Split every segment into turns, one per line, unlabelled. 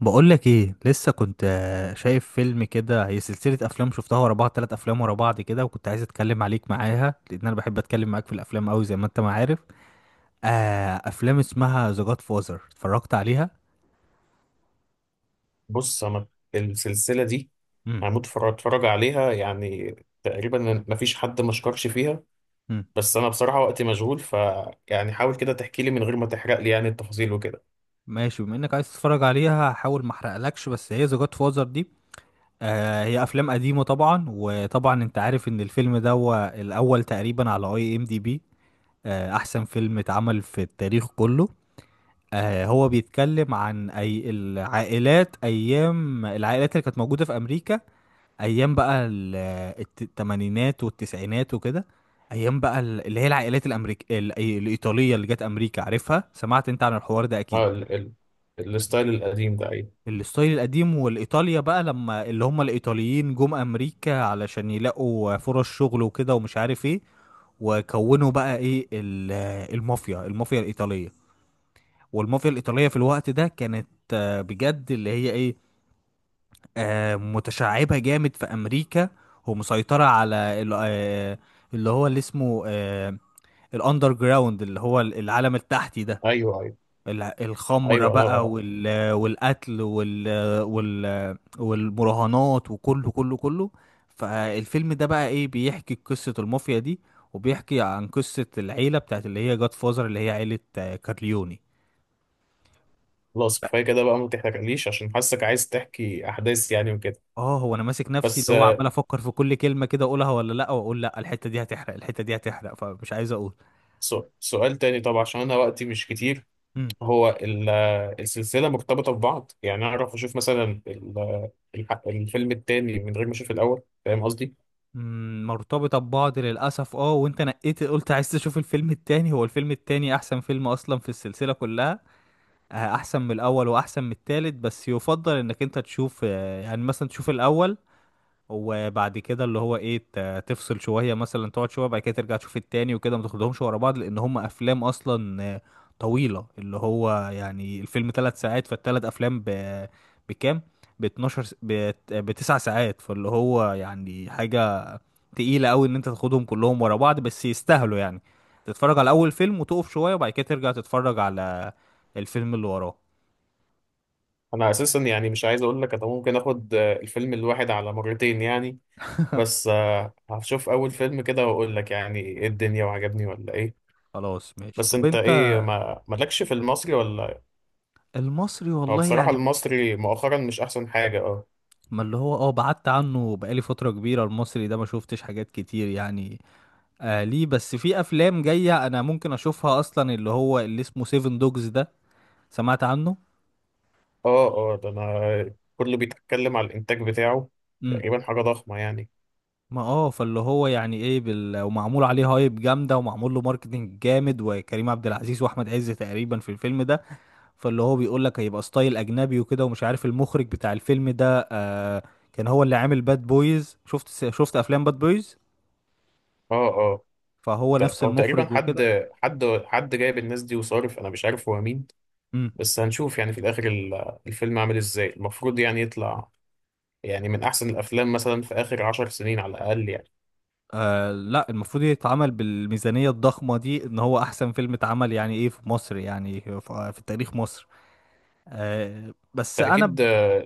بقولك ايه لسه كنت شايف فيلم كده. هي سلسلة افلام شفتها ورا بعض، تلات افلام ورا بعض كده، وكنت عايز اتكلم عليك معاها لان انا بحب اتكلم معاك في الافلام قوي زي ما انت ما عارف. آه، افلام اسمها ذا جاد فازر اتفرجت عليها.
بص انا السلسله دي
امم
هموت اتفرج عليها يعني تقريبا. ما فيش حد ما شكرش فيها.
امم.
بس انا بصراحه وقتي مشغول يعني حاول كده تحكي لي من غير ما تحرق لي يعني التفاصيل وكده.
ماشي، بما انك عايز تتفرج عليها هحاول ما احرقلكش. بس هي ذا جاد فازر دي، آه، هي افلام قديمة طبعا، وطبعا انت عارف ان الفيلم ده هو الاول تقريبا على اي ام دي بي، احسن فيلم اتعمل في التاريخ كله. هو بيتكلم عن أي العائلات، أيام العائلات اللي كانت موجودة في أمريكا. أيام بقى ال- الت- التمانينات والتسعينات وكده. أيام بقى اللي هي العائلات الإيطالية اللي جت أمريكا، عارفها، سمعت أنت عن الحوار ده
اه،
أكيد.
ال ال الستايل القديم ده. ايوه
الستايل القديم، والإيطاليا بقى لما اللي هم الإيطاليين جم أمريكا علشان يلاقوا فرص شغل وكده ومش عارف إيه، وكونوا بقى إيه المافيا الإيطالية. والمافيا الإيطالية في الوقت ده كانت، بجد، اللي هي إيه، متشعبة جامد في أمريكا، ومسيطرة على اللي هو اللي اسمه، الأندر جراوند، اللي هو العالم التحتي ده.
ايوه ايوه
الخمرة
ايوه.
بقى، والقتل، والمراهنات، وكله كله كله. فالفيلم ده بقى إيه، بيحكي قصة المافيا دي، وبيحكي عن قصة العيلة بتاعت اللي هي جاد فازر، اللي هي عيلة، كارليوني.
خلاص كفايه كده بقى، ما تحرقليش عشان حاسك عايز تحكي احداث يعني وكده.
اه، هو انا ماسك نفسي،
بس
اللي هو عمال افكر في كل كلمه كده اقولها ولا لا، واقول لا، الحته دي هتحرق، الحته دي هتحرق، فمش عايز اقول.
سؤال تاني طبعا عشان انا وقتي مش كتير.
امم.
هو السلسله مرتبطه ببعض، يعني اعرف اشوف مثلا الفيلم التاني من غير ما اشوف الاول، فاهم قصدي؟
أمم، مرتبطه ببعض للاسف. اه، وانت نقيت قلت عايز تشوف الفيلم التاني. هو الفيلم التاني احسن فيلم اصلا في السلسله كلها. احسن من الاول واحسن من التالت. بس يفضل انك انت تشوف، يعني مثلا تشوف الاول، وبعد كده اللي هو ايه تفصل شويه، مثلا تقعد شويه بعد كده ترجع تشوف التاني وكده، ما تاخدهمش ورا بعض، لان هم افلام اصلا طويله. اللي هو يعني الفيلم ثلاث ساعات، فالثلاث افلام بكام؟ ب 12 بتسع ساعات. فاللي هو يعني حاجه تقيله قوي ان انت تاخدهم كلهم ورا بعض، بس يستاهلوا يعني تتفرج على اول فيلم، وتقف شويه، وبعد كده ترجع تتفرج على الفيلم اللي وراه.
انا اساسا يعني مش عايز اقول لك، انا ممكن اخد الفيلم الواحد على مرتين يعني. بس هشوف اول فيلم كده واقول لك يعني ايه الدنيا، وعجبني ولا ايه.
خلاص ماشي.
بس
طب
انت
انت،
ايه، ما مالكش في المصري ولا؟
المصري
هو
والله
بصراحة
يعني،
المصري مؤخرا مش احسن حاجة. اه.
ما اللي هو اه بعدت عنه بقالي فترة كبيرة، المصري ده ما شفتش حاجات كتير يعني. آه، ليه بس؟ في افلام جاية انا ممكن اشوفها، اصلا اللي هو اللي اسمه سيفن دوجز ده، سمعت عنه.
اه اه، ده انا كله بيتكلم على الانتاج بتاعه.
امم.
تقريبا حاجة ضخمة يعني.
ما اه، فاللي هو يعني ايه ومعمول عليه هايب جامدة، ومعمول له ماركتنج جامد، وكريم عبد العزيز واحمد عز تقريبا في الفيلم ده. فاللي هو بيقول لك هيبقى ستايل اجنبي وكده، ومش عارف المخرج بتاع الفيلم ده كان هو اللي عامل باد بويز. شفت افلام باد بويز،
اه اه،
فهو نفس
او تقريبا
المخرج
حد،
وكده.
جايب الناس دي وصارف، انا مش عارف هو مين. بس هنشوف يعني في الاخر الفيلم عامل ازاي المفروض يعني يطلع، يعني من احسن الافلام مثلا في اخر 10 سنين على الاقل يعني.
آه لا، المفروض يتعمل بالميزانية الضخمة دي ان هو احسن فيلم اتعمل، يعني ايه، في مصر، يعني في في تاريخ مصر. آه بس انا
فاكيد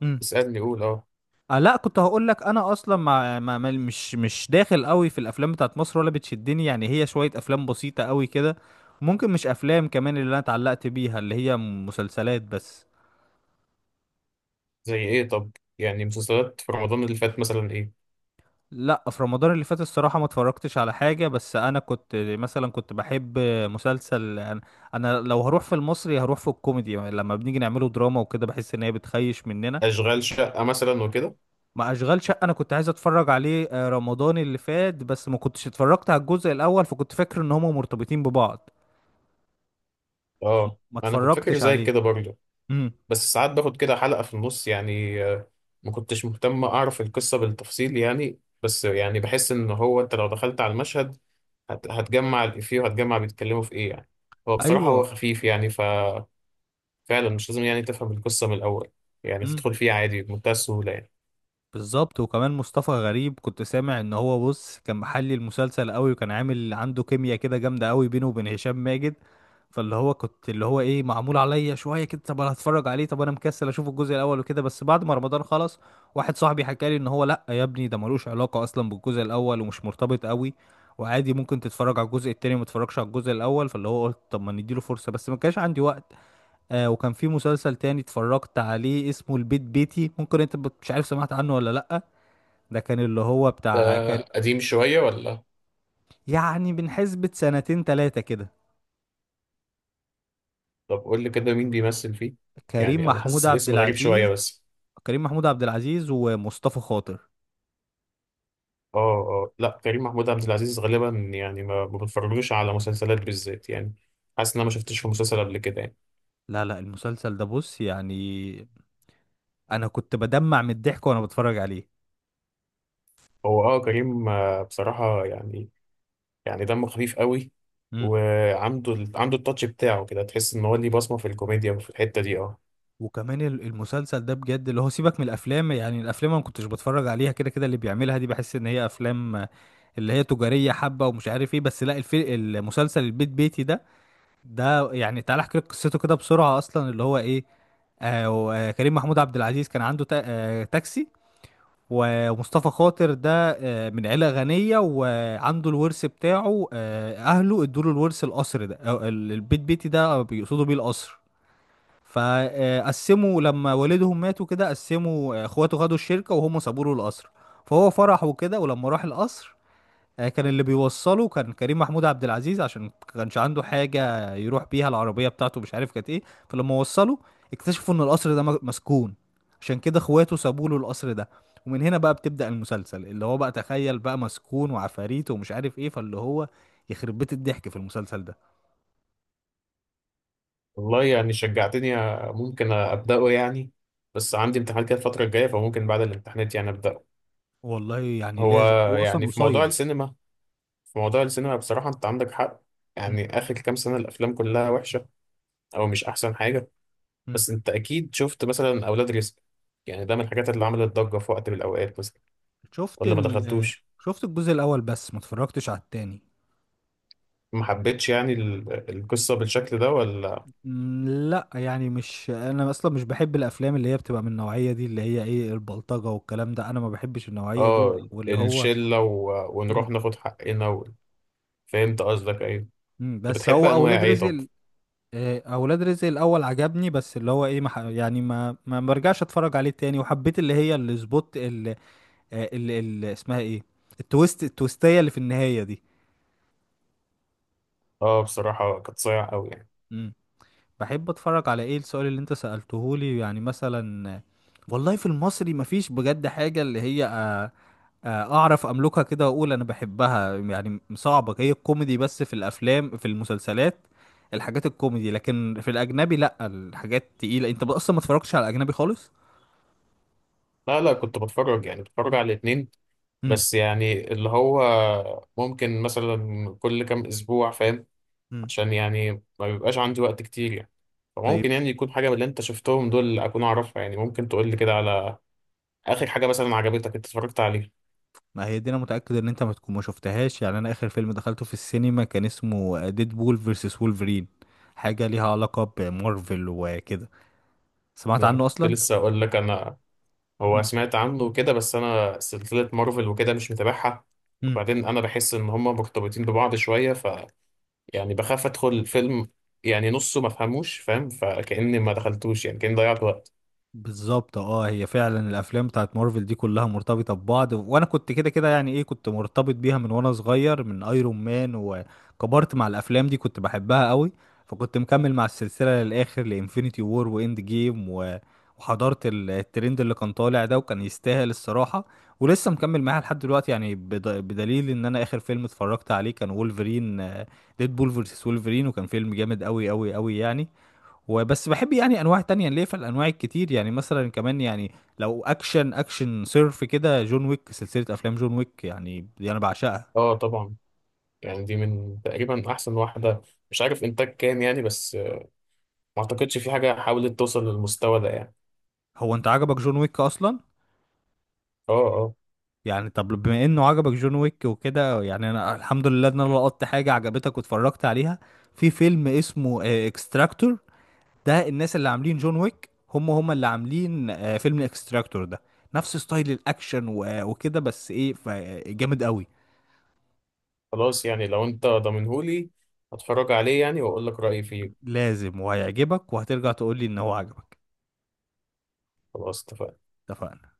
مم.
اسالني قول اه.
آه لا، كنت هقول لك انا اصلا مش داخل قوي في الافلام بتاعت مصر ولا بتشدني. يعني هي شوية افلام بسيطة قوي كده. ممكن مش افلام كمان اللي انا اتعلقت بيها، اللي هي مسلسلات بس.
زي ايه طب، يعني مسلسلات في رمضان اللي فات مثلا ايه،
لا في رمضان اللي فات الصراحة ما اتفرجتش على حاجة. بس انا كنت مثلا بحب مسلسل، انا أنا لو هروح في المصري هروح في الكوميدي. لما بنيجي نعمله دراما وكده بحس ان هي بتخيش مننا.
اشغال شقه مثلا وكده.
ما اشغال شقة انا كنت عايز اتفرج عليه، رمضان اللي فات، بس ما كنتش اتفرجت على الجزء الاول فكنت فاكر ان هما مرتبطين ببعض،
اه،
ما
انا كنت فاكر
اتفرجتش
زي
عليه.
كده برضه.
امم.
بس ساعات باخد كده حلقه في النص، يعني ما كنتش مهتم اعرف القصه بالتفصيل يعني. بس يعني بحس ان هو انت لو دخلت على المشهد هتجمع الافيه وهتجمع بيتكلموا في ايه يعني. هو بصراحه، هو
ايوه.
خفيف يعني، فعلا مش لازم يعني تفهم القصة من الأول. يعني
امم.
تدخل فيه عادي بمنتهى السهولة يعني.
بالظبط. وكمان مصطفى غريب كنت سامع ان هو، بص، كان محلي المسلسل قوي، وكان عامل عنده كيمياء كده جامده قوي بينه وبين هشام ماجد. فاللي هو كنت اللي هو ايه، معمول عليا شويه كده، طب انا هتفرج عليه. طب انا مكسل اشوف الجزء الاول وكده، بس بعد ما رمضان خلص، واحد صاحبي حكى لي ان هو لا يا ابني، ده ملوش علاقه اصلا بالجزء الاول ومش مرتبط قوي، وعادي ممكن تتفرج على الجزء التاني وما تتفرجش على الجزء الاول. فاللي هو قلت طب ما نديله فرصه، بس ما كانش عندي وقت. آه، وكان في مسلسل تاني اتفرجت عليه اسمه البيت بيتي. ممكن انت مش عارف سمعت عنه ولا لا. ده كان اللي هو بتاع
ده قديم شوية ولا؟
يعني من حسبة سنتين تلاتة كده.
طب قول لي كده مين بيمثل فيه.
كريم
يعني أنا
محمود
حاسس
عبد
الاسم غريب شوية
العزيز.
بس.
كريم محمود عبد العزيز ومصطفى خاطر.
اه اه، لا، كريم محمود عبد العزيز غالبا. يعني ما بتفرجلوش على مسلسلات بالذات يعني. حاسس إن أنا ما شفتش في مسلسل قبل كده يعني.
لا، المسلسل ده بص يعني، انا كنت بدمع من الضحك وانا بتفرج عليه.
هو كريم بصراحة، يعني يعني دمه خفيف قوي.
مم.
وعنده عنده التاتش بتاعه كده، تحس إن هو ليه بصمة في الكوميديا وفي الحتة دي. اه.
وكمان المسلسل ده بجد، اللي هو سيبك من الافلام، يعني الافلام انا ما كنتش بتفرج عليها كده كده. اللي بيعملها دي بحس ان هي افلام اللي هي تجارية حبة ومش عارف ايه. بس لا المسلسل البيت بيتي ده، ده يعني تعالى احكي لك قصته كده بسرعه. اصلا اللي هو ايه، كريم محمود عبد العزيز كان عنده تاكسي، ومصطفى خاطر ده، من عيله غنيه، وعنده الورث بتاعه، آه، اهله ادوا له الورث، القصر ده، أو البيت بيتي ده بيقصدوا بيه القصر. فقسموا لما والدهم ماتوا كده، قسموا، اخواته خدوا الشركه وهم سابوا له القصر، فهو فرح وكده. ولما راح القصر، كان اللي بيوصله كان كريم محمود عبد العزيز، عشان كانش عنده حاجة يروح بيها، العربية بتاعته مش عارف كانت ايه. فلما وصله اكتشفوا ان القصر ده مسكون. عشان كده اخواته سابوا له القصر ده. ومن هنا بقى بتبدأ المسلسل، اللي هو بقى تخيل بقى، مسكون وعفاريت ومش عارف ايه، فاللي هو يخرب بيت الضحك في المسلسل ده.
والله يعني شجعتني، ممكن أبدأه يعني. بس عندي امتحانات كده الفترة الجاية، فممكن بعد الامتحانات يعني أبدأه.
والله يعني
هو
لازم، هو اصلا
يعني
قصير.
في موضوع السينما، بصراحة أنت عندك حق.
م-
يعني آخر كام سنة الأفلام كلها وحشة، أو مش أحسن حاجة.
م.
بس أنت أكيد شفت مثلا أولاد رزق، يعني ده من الحاجات اللي عملت ضجة في وقت من الأوقات مثلا،
شفت
ولا ما
ال
دخلتوش؟
شفت الجزء الاول بس ما اتفرجتش على التاني.
ما حبيتش يعني القصة بالشكل ده ولا؟
مم، لا يعني، مش انا اصلا مش بحب الافلام اللي هي بتبقى من النوعيه دي، اللي هي ايه البلطجه والكلام ده، انا ما بحبش النوعيه دي،
آه،
واللي هو.
الشلة و ونروح
مم.
ناخد حقنا و. فهمت قصدك، أيوه.
مم،
أنت
بس
بتحب
هو
أنواع
اولاد
إيه
رزق
طب؟
اولاد رزق الاول عجبني، بس اللي هو ايه ما ح- يعني ما ما برجعش اتفرج عليه تاني. وحبيت اللي هي السبوت اللي اسمها ايه، التويست، التويستيه اللي في النهايه دي.
اه، بصراحة كانت صايعة قوي يعني.
بحب اتفرج على ايه؟ السؤال اللي انت سألتهولي يعني مثلا، والله في المصري مفيش بجد حاجة اللي هي اعرف املكها كده واقول انا بحبها. يعني صعبة. هي الكوميدي بس، في الافلام في المسلسلات، الحاجات الكوميدي. لكن في الاجنبي لا، الحاجات تقيلة. انت اصلا ما اتفرجتش على الاجنبي خالص.
لا لا، كنت بتفرج، يعني بتفرج على الاتنين.
امم.
بس يعني اللي هو ممكن مثلا كل كام أسبوع، فاهم؟
امم.
عشان يعني ما بيبقاش عندي وقت كتير يعني.
طيب،
فممكن يعني يكون حاجة من اللي أنت شفتهم دول أكون أعرفها يعني. ممكن تقول لي كده على آخر حاجة مثلا عجبتك أنت اتفرجت عليها.
ما هي دي، انا متأكد ان انت ما تكون ما شفتهاش، يعني انا اخر فيلم دخلته في السينما كان اسمه ديدبول فيرسس وولفرين. حاجة ليها علاقة بمارفل وكده. سمعت
لا،
عنه
كنت
اصلا؟
لسه أقول لك أنا. هو
مم.
سمعت عنه كده، بس أنا سلسلة مارفل وكده مش متابعها.
مم.
وبعدين أنا بحس إن هما مرتبطين ببعض شوية، يعني بخاف ادخل الفيلم، يعني نصه ما فهموش فاهم، فكأني ما دخلتوش، يعني كأني ضيعت وقت.
بالظبط. اه، هي فعلا الافلام بتاعت مارفل دي كلها مرتبطه ببعض، وانا كنت كده كده يعني ايه، كنت مرتبط بيها من وانا صغير، من ايرون مان، وكبرت مع الافلام دي كنت بحبها قوي. فكنت مكمل مع السلسله للاخر، لانفينيتي وور واند جيم وحضرت الترند اللي كان طالع ده، وكان يستاهل الصراحه. ولسه مكمل معاها لحد دلوقتي يعني. بدليل ان انا اخر فيلم اتفرجت عليه كان وولفرين، ديد بول فيرسس وولفرين، وكان فيلم جامد قوي قوي قوي يعني. وبس بحب يعني انواع تانية ليه، في الانواع الكتير يعني. مثلا كمان يعني، لو اكشن، اكشن صرف كده، جون ويك، سلسلة افلام جون ويك يعني، دي انا بعشقها.
اه طبعا، يعني دي من تقريبا احسن واحدة. مش عارف انتاج كام يعني، بس ما اعتقدش في حاجة حاولت توصل للمستوى ده يعني.
هو انت عجبك جون ويك اصلا؟
اه اه،
يعني طب بما انه عجبك جون ويك وكده، يعني انا الحمد لله ان انا لقطت حاجة عجبتك واتفرجت عليها. في فيلم اسمه اكستراكتور، ده الناس اللي عاملين جون ويك هم هم اللي عاملين، فيلم اكستراكتور ده، نفس ستايل الاكشن وكده، بس ايه جامد قوي.
خلاص يعني لو انت ضامنهولي هتفرج عليه يعني واقول لك رأيي فيه.
لازم، وهيعجبك، وهترجع تقول لي ان هو عجبك.
خلاص اتفقنا.
اتفقنا.